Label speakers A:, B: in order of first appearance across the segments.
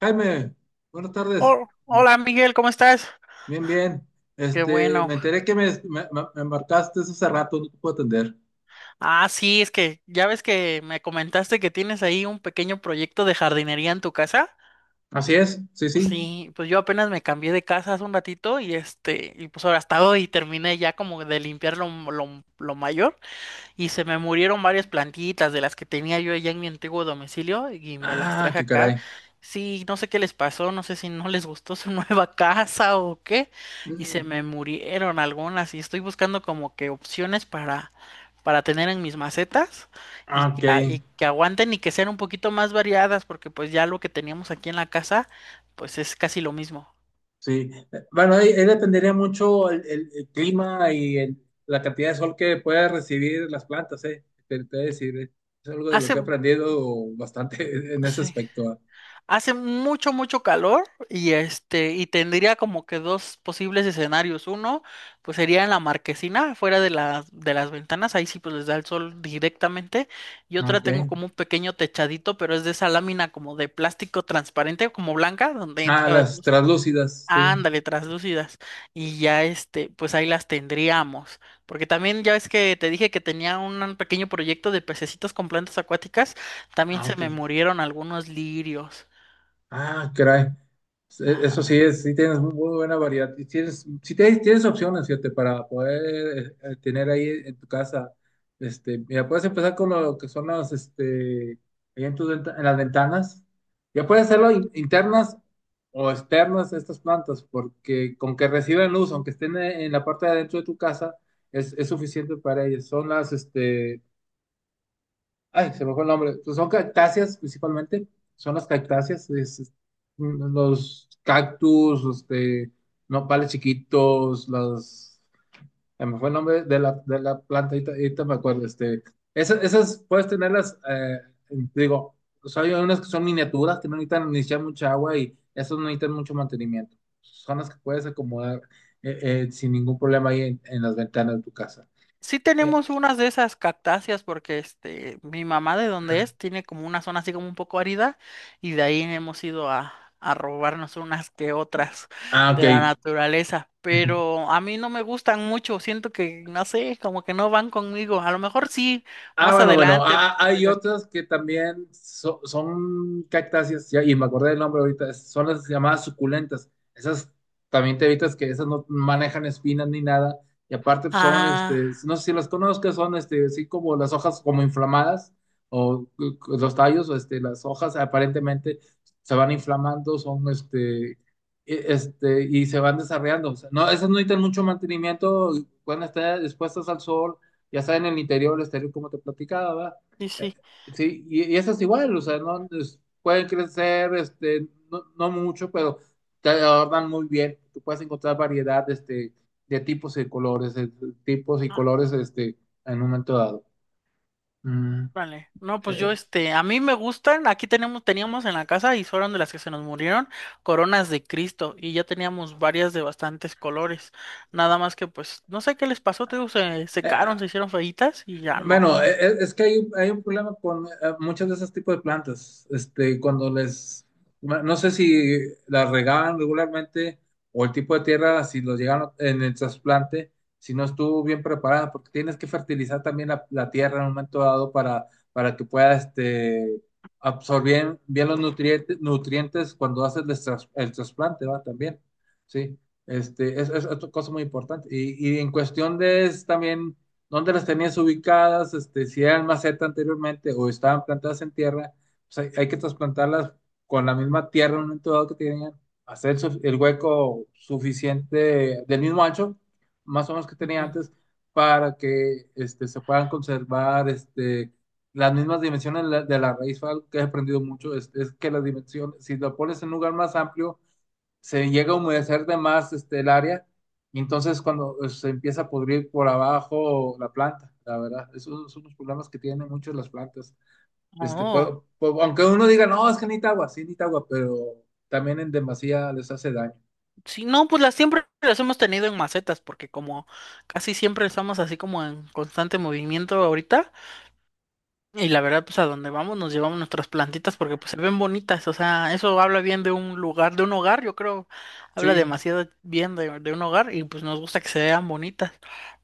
A: Jaime, buenas tardes.
B: Hola Miguel, ¿cómo estás?
A: Bien, bien.
B: Qué bueno.
A: Me enteré que me marcaste hace rato, no te puedo atender.
B: Ah, sí, es que ya ves que me comentaste que tienes ahí un pequeño proyecto de jardinería en tu casa.
A: Así es, sí, sí.
B: Sí, pues yo apenas me cambié de casa hace un ratito y y pues ahora hasta hoy terminé ya como de limpiar lo mayor. Y se me murieron varias plantitas de las que tenía yo allá en mi antiguo domicilio y me las
A: Ah,
B: traje
A: qué
B: acá.
A: caray.
B: Sí, no sé qué les pasó, no sé si no les gustó su nueva casa o qué. Y se
A: Mm,
B: me murieron algunas y estoy buscando como que opciones para tener en mis macetas y
A: ah, Ok,
B: y que aguanten y que sean un poquito más variadas porque pues ya lo que teníamos aquí en la casa pues es casi lo mismo.
A: sí. Bueno, ahí dependería mucho el clima y el- la cantidad de sol que pueda recibir las plantas, ¿eh? Te voy a decir, es algo de lo que he
B: Hace...
A: aprendido bastante en ese
B: Sí.
A: aspecto. Ah.
B: Hace mucho, mucho calor y y tendría como que dos posibles escenarios. Uno, pues sería en la marquesina, fuera de de las ventanas, ahí sí pues les da el sol directamente. Y
A: Ah,
B: otra
A: Ok.
B: tengo como un pequeño techadito, pero es de esa lámina como de plástico transparente, como blanca, donde
A: Ah,
B: entra la
A: las
B: luz.
A: translúcidas, sí.
B: Ándale, traslúcidas. Y ya pues ahí las tendríamos. Porque también ya ves que te dije que tenía un pequeño proyecto de pececitos con plantas acuáticas, también
A: Ah,
B: se
A: ok.
B: me murieron algunos lirios.
A: Ah, caray. Eso sí
B: Ajá.
A: es, sí tienes muy buena variedad. Y tienes, sí tienes, tienes opciones, fíjate, para poder tener ahí en tu casa. Este, mira, puedes empezar con lo que son las, este, ahí en, en las ventanas. Ya puedes hacerlo internas o externas de estas plantas, porque con que reciban luz, aunque estén en la parte de adentro de tu casa, es suficiente para ellas. Son las, este, ay, se me fue el nombre. Pues son cactáceas principalmente. Son las cactáceas, los cactus, este, nopales chiquitos, las. Se me fue el nombre de de la planta, ahorita me acuerdo. Este, esas puedes tenerlas, digo, o sea, hay unas que son miniaturas que no necesitan ni echar mucha agua y esas no necesitan mucho mantenimiento. Son las que puedes acomodar eh, sin ningún problema ahí en las ventanas de tu casa.
B: Sí
A: Eh,
B: tenemos unas de esas cactáceas porque este, mi mamá de donde es tiene como una zona así como un poco árida y de ahí hemos ido a robarnos unas que otras
A: ah,
B: de la
A: ok.
B: naturaleza. Pero a mí no me gustan mucho, siento que, no sé, como que no van conmigo. A lo mejor sí,
A: Ah,
B: más
A: bueno, bueno,
B: adelante,
A: ah, ah, hay
B: pero...
A: otras que también son cactáceas, ya, y me acordé del nombre ahorita, es- son las llamadas suculentas. Esas también te evitas que esas no manejan espinas ni nada, y aparte pues, son,
B: Ah,
A: este, no sé si las conozcas, son, este, así como las hojas como inflamadas, o los tallos, o, este, las hojas aparentemente se van inflamando, son, este, y se van desarrollando. O sea, no, esas no necesitan mucho mantenimiento, pueden estar expuestas al sol ya sea en el interior o el exterior, como te platicaba, ¿verdad?
B: sí,
A: Eh,
B: sí.
A: sí, y eso es igual, o sea, no pueden crecer, este, no, no mucho, pero te adornan muy bien. Tú puedes encontrar variedad, este, de tipos y colores, de tipos y colores, este, en un momento dado. Mm.
B: Vale, no, pues yo,
A: Eh,
B: este, a mí me gustan, aquí tenemos, teníamos en la casa y fueron de las que se nos murieron, coronas de Cristo, y ya teníamos varias de bastantes colores, nada más que pues, no sé qué les pasó, te digo, se
A: eh,
B: secaron, se hicieron feitas y ya no.
A: bueno, es que hay un problema con muchas de esos tipos de plantas. Este, cuando les, no sé si las regaban regularmente o el tipo de tierra, si los llegaron en el trasplante, si no estuvo bien preparada, porque tienes que fertilizar también la tierra en un momento dado para que pueda este, absorber bien los nutrientes, nutrientes cuando haces el, el trasplante, ¿va? También, sí. Este, es otra cosa muy importante. Y en cuestión de es también dónde las tenías ubicadas, este, si eran maceta anteriormente o estaban plantadas en tierra, pues hay que trasplantarlas con la misma tierra en un momento dado que tenían, hacer el hueco suficiente del mismo ancho, más o menos que tenía
B: Ujú.
A: antes, para que este, se puedan conservar este, las mismas dimensiones de de la raíz. Fue algo que he aprendido mucho, es que las dimensiones, si lo pones en un lugar más amplio, se llega a humedecer de más este, el área, y entonces cuando se empieza a pudrir por abajo la planta, la verdad, esos son los problemas que tienen muchas las plantas. Este,
B: Oh,
A: aunque uno diga, no, es que necesita agua, sí necesita agua, pero también en demasía les hace daño.
B: sí, no, pues las siempre las hemos tenido en macetas, porque como casi siempre estamos así como en constante movimiento ahorita, y la verdad, pues a donde vamos nos llevamos nuestras plantitas porque pues se ven bonitas, o sea, eso habla bien de un lugar, de un hogar, yo creo, habla
A: Sí.
B: demasiado bien de un hogar y pues nos gusta que se vean bonitas.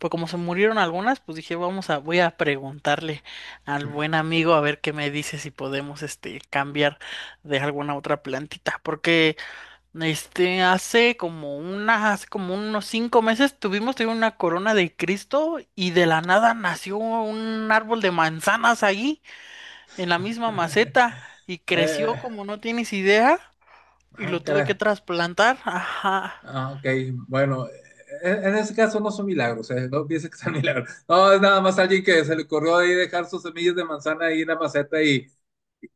B: Pues como se murieron algunas, pues dije, voy a preguntarle al buen amigo a ver qué me dice si podemos, este, cambiar de alguna otra plantita, porque, este, hace como unos 5 meses tuvimos una corona de Cristo y de la nada nació un árbol de manzanas ahí en la misma maceta y
A: Eh,
B: creció como no tienes idea y
A: ah,
B: lo tuve que
A: caray.
B: trasplantar. Ajá.
A: Ah, ok, bueno, en ese caso no son milagros, no pienses que son milagros. No, es nada más alguien que se le ocurrió ahí dejar sus semillas de manzana ahí en la maceta y,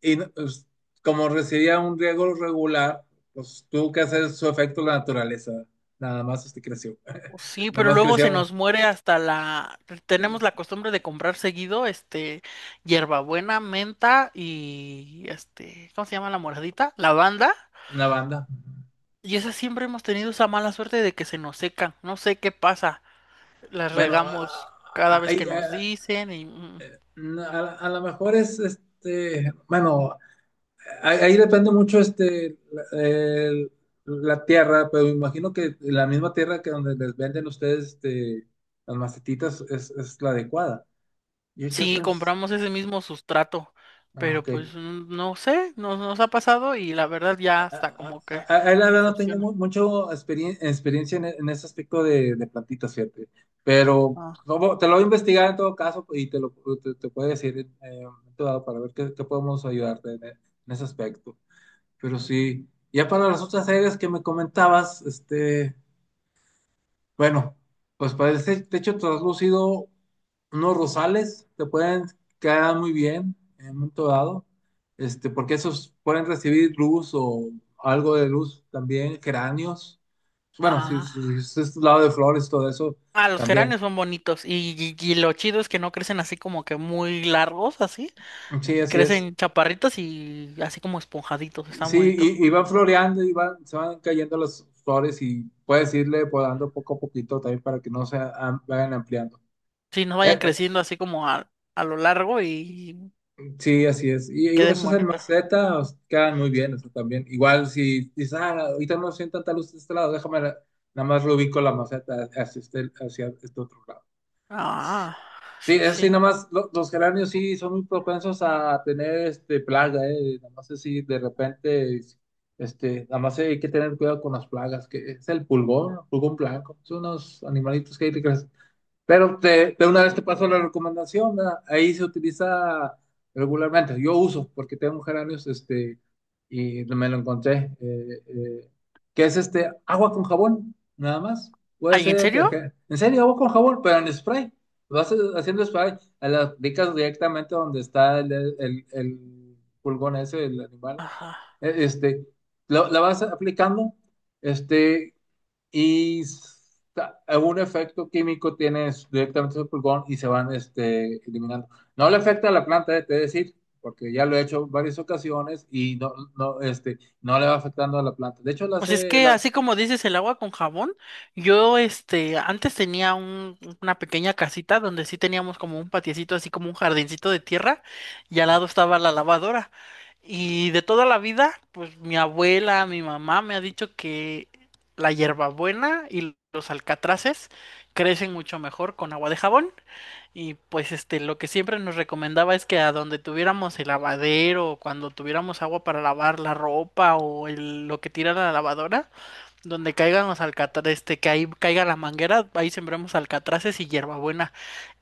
A: pues, como recibía un riego regular, pues tuvo que hacer su efecto la naturaleza. Nada más este creció.
B: Oh, sí,
A: Nada
B: pero
A: más
B: luego se
A: creció
B: nos muere hasta la... Tenemos la costumbre de comprar seguido, este, hierbabuena, menta y, este, ¿cómo se llama la moradita? Lavanda.
A: una banda.
B: Y esa siempre hemos tenido esa mala suerte de que se nos secan. No sé qué pasa. Las
A: Bueno,
B: regamos cada
A: a-
B: vez que
A: ahí,
B: nos
A: a-
B: dicen y...
A: a lo mejor es este, bueno, ahí, ahí depende mucho este la, la tierra, pero me imagino que la misma tierra que donde les venden ustedes este, las macetitas es la adecuada. Yo
B: Sí,
A: pues,
B: compramos ese mismo sustrato,
A: ah,
B: pero
A: ok.
B: pues no sé, nos ha pasado y la verdad ya está como que
A: La verdad no tengo
B: decepciona.
A: mucho experiencia en, en ese aspecto de plantitas, fíjate. Pero
B: Ah,
A: como- te lo voy a investigar en todo caso y te lo te puedo decir en un momento dado para ver qué, qué podemos ayudarte en, en ese aspecto. Pero sí, ya para las otras áreas que me comentabas, este. Bueno, pues para este techo traslúcido, unos rosales te pueden quedar muy bien en un momento dado, este, porque esos pueden recibir luz o algo de luz también, geráneos. Bueno,
B: ah,
A: si es este lado de flores, todo eso
B: Ah, los
A: también.
B: geranios son bonitos y y lo chido es que no crecen así como que muy largos, así,
A: Sí,
B: y
A: así es.
B: crecen chaparritos y así como esponjaditos, están
A: Sí,
B: bonitos.
A: y van floreando y van, se van cayendo las flores y puedes irle podando poco a poquito también para que no se vayan ampliando.
B: Sí, no
A: Eh,
B: vayan
A: eh,
B: creciendo así como a lo largo y
A: Sí, así es. Y digo,
B: queden
A: esos en
B: bonitos.
A: maceta os quedan muy bien, eso también. Igual si dices, ah, ahorita no siento tanta luz de este lado, déjame, la- nada más lo ubico la maceta hacia este otro lado.
B: Ah,
A: Sí,
B: sí,
A: eso sí,
B: sí.
A: nada más, los geranios sí son muy propensos a tener este, plaga, ¿eh? Nada más así, de repente, este, nada más hay que tener cuidado con las plagas, que es el pulgón, pulgón blanco. Son unos animalitos que hay que pero te, de una vez te paso la recomendación, ¿verdad? Ahí se utiliza regularmente. Yo uso, porque tengo geranios, este, y me lo encontré, que es este agua con jabón, nada más. Puede
B: ¿Ay, en
A: ser
B: serio?
A: detergente. En serio, agua con jabón, pero en spray. Vas haciendo spray, a las aplicas directamente donde está el pulgón ese, el animal.
B: Ajá.
A: Este, la vas aplicando. Este, y algún efecto químico tienes directamente su pulgón y se van este, eliminando. No le afecta a la planta, te he de decir, porque ya lo he hecho varias ocasiones y no, no, este, no le va afectando a la planta. De hecho, las
B: Pues es
A: he,
B: que así
A: las...
B: como dices el agua con jabón, yo este antes tenía una pequeña casita donde sí teníamos como un patiecito, así como un jardincito de tierra, y al lado estaba la lavadora. Y de toda la vida, pues mi abuela, mi mamá me ha dicho que la hierbabuena y los alcatraces crecen mucho mejor con agua de jabón. Y pues este, lo que siempre nos recomendaba es que a donde tuviéramos el lavadero, o cuando tuviéramos agua para lavar la ropa o lo que tira la lavadora, donde caigan los alcatraces, este, que ahí caiga la manguera, ahí sembramos alcatraces y hierbabuena.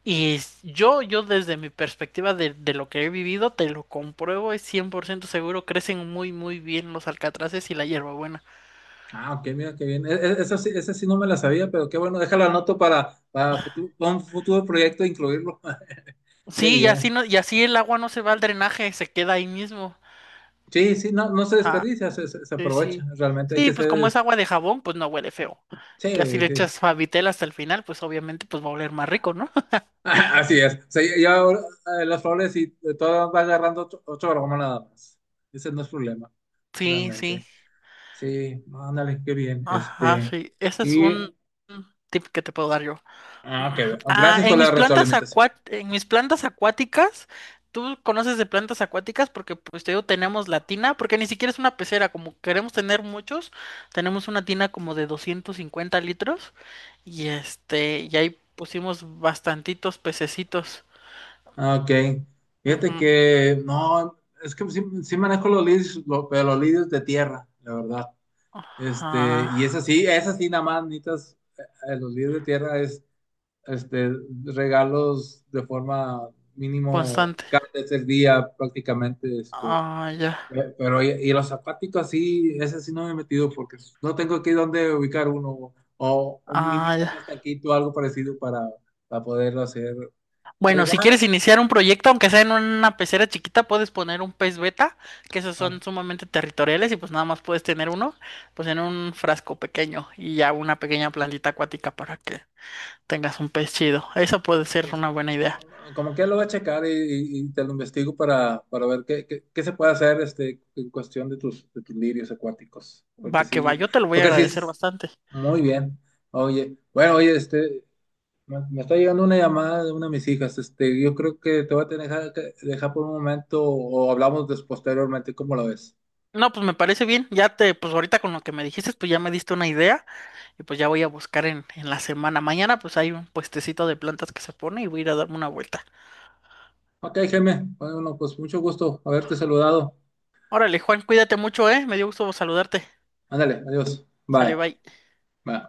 B: Y yo desde mi perspectiva de lo que he vivido, te lo compruebo, es 100% seguro, crecen muy, muy bien los alcatraces y la hierbabuena.
A: Ah, ok, mira qué bien. Esa sí no me la sabía, pero qué bueno, déjala anoto para, un futuro proyecto e incluirlo. Qué
B: Sí, y así
A: bien.
B: no, y así el agua no se va al drenaje, se queda ahí mismo.
A: Sí, sí, no, no se
B: Ajá.
A: desperdicia, se
B: Sí,
A: aprovecha.
B: sí.
A: Realmente hay
B: Sí,
A: que
B: pues como es
A: ser.
B: agua de jabón, pues no huele feo. Ya si
A: Sí,
B: le
A: sí.
B: echas Favitel hasta el final, pues obviamente pues va a oler más rico, ¿no?
A: Así es. O sea, ya ahora, las flores y todo va agarrando ocho, ocho gramas nada más. Ese no es problema,
B: Sí, sí.
A: realmente. Sí, no, ándale, qué bien.
B: Ajá,
A: Este,
B: sí. Ese es
A: y,
B: un tip que te puedo dar yo.
A: ah, qué bien.
B: Ah,
A: Gracias por
B: en
A: la
B: mis
A: retroalimentación.
B: en mis plantas acuáticas, tú conoces de plantas acuáticas porque pues te digo, tenemos la tina, porque ni siquiera es una pecera, como queremos tener muchos, tenemos una tina como de 250 litros y y ahí pusimos bastantitos pececitos.
A: Ah, Ok. Fíjate
B: Ujú.
A: que, no, es que sí, sí manejo los lirios, lo- pero los lirios de tierra, la verdad. Este,
B: Ah,
A: y es así nada más, necesitas, los lirios de tierra este, regalos de forma mínimo
B: constante.
A: cada vez el día prácticamente, este,
B: Ah, ya.
A: pero y los zapáticos sí, ese sí no me he metido porque no tengo aquí dónde ubicar uno o un mínimo
B: Ah, ya.
A: un estanquito, algo parecido para poderlo hacer. Pero
B: Bueno, si
A: igual,
B: quieres iniciar un proyecto, aunque sea en una pecera chiquita, puedes poner un pez beta, que esos
A: ok,
B: son sumamente territoriales y pues nada más puedes tener uno, pues en un frasco pequeño y ya una pequeña plantita acuática para que tengas un pez chido. Esa puede ser
A: es
B: una buena idea.
A: como que lo voy a checar y, y te lo investigo para ver qué, qué se puede hacer este, en cuestión de tus lirios acuáticos.
B: Va que va, yo te lo voy a
A: Porque sí,
B: agradecer bastante.
A: muy bien. Oye, bueno, oye, este, me está llegando una llamada de una de mis hijas. Este, yo creo que te voy a tener que dejar por un momento o hablamos posteriormente, ¿cómo lo ves?
B: No, pues me parece bien. Pues ahorita con lo que me dijiste, pues ya me diste una idea y pues ya voy a buscar en la semana. Mañana pues hay un puestecito de plantas que se pone y voy a ir a darme una vuelta.
A: Ok, Jaime. Bueno, pues mucho gusto haberte saludado.
B: Órale, Juan, cuídate mucho, ¿eh? Me dio gusto saludarte.
A: Ándale, adiós.
B: Sale,
A: Bye.
B: bye.
A: Bye.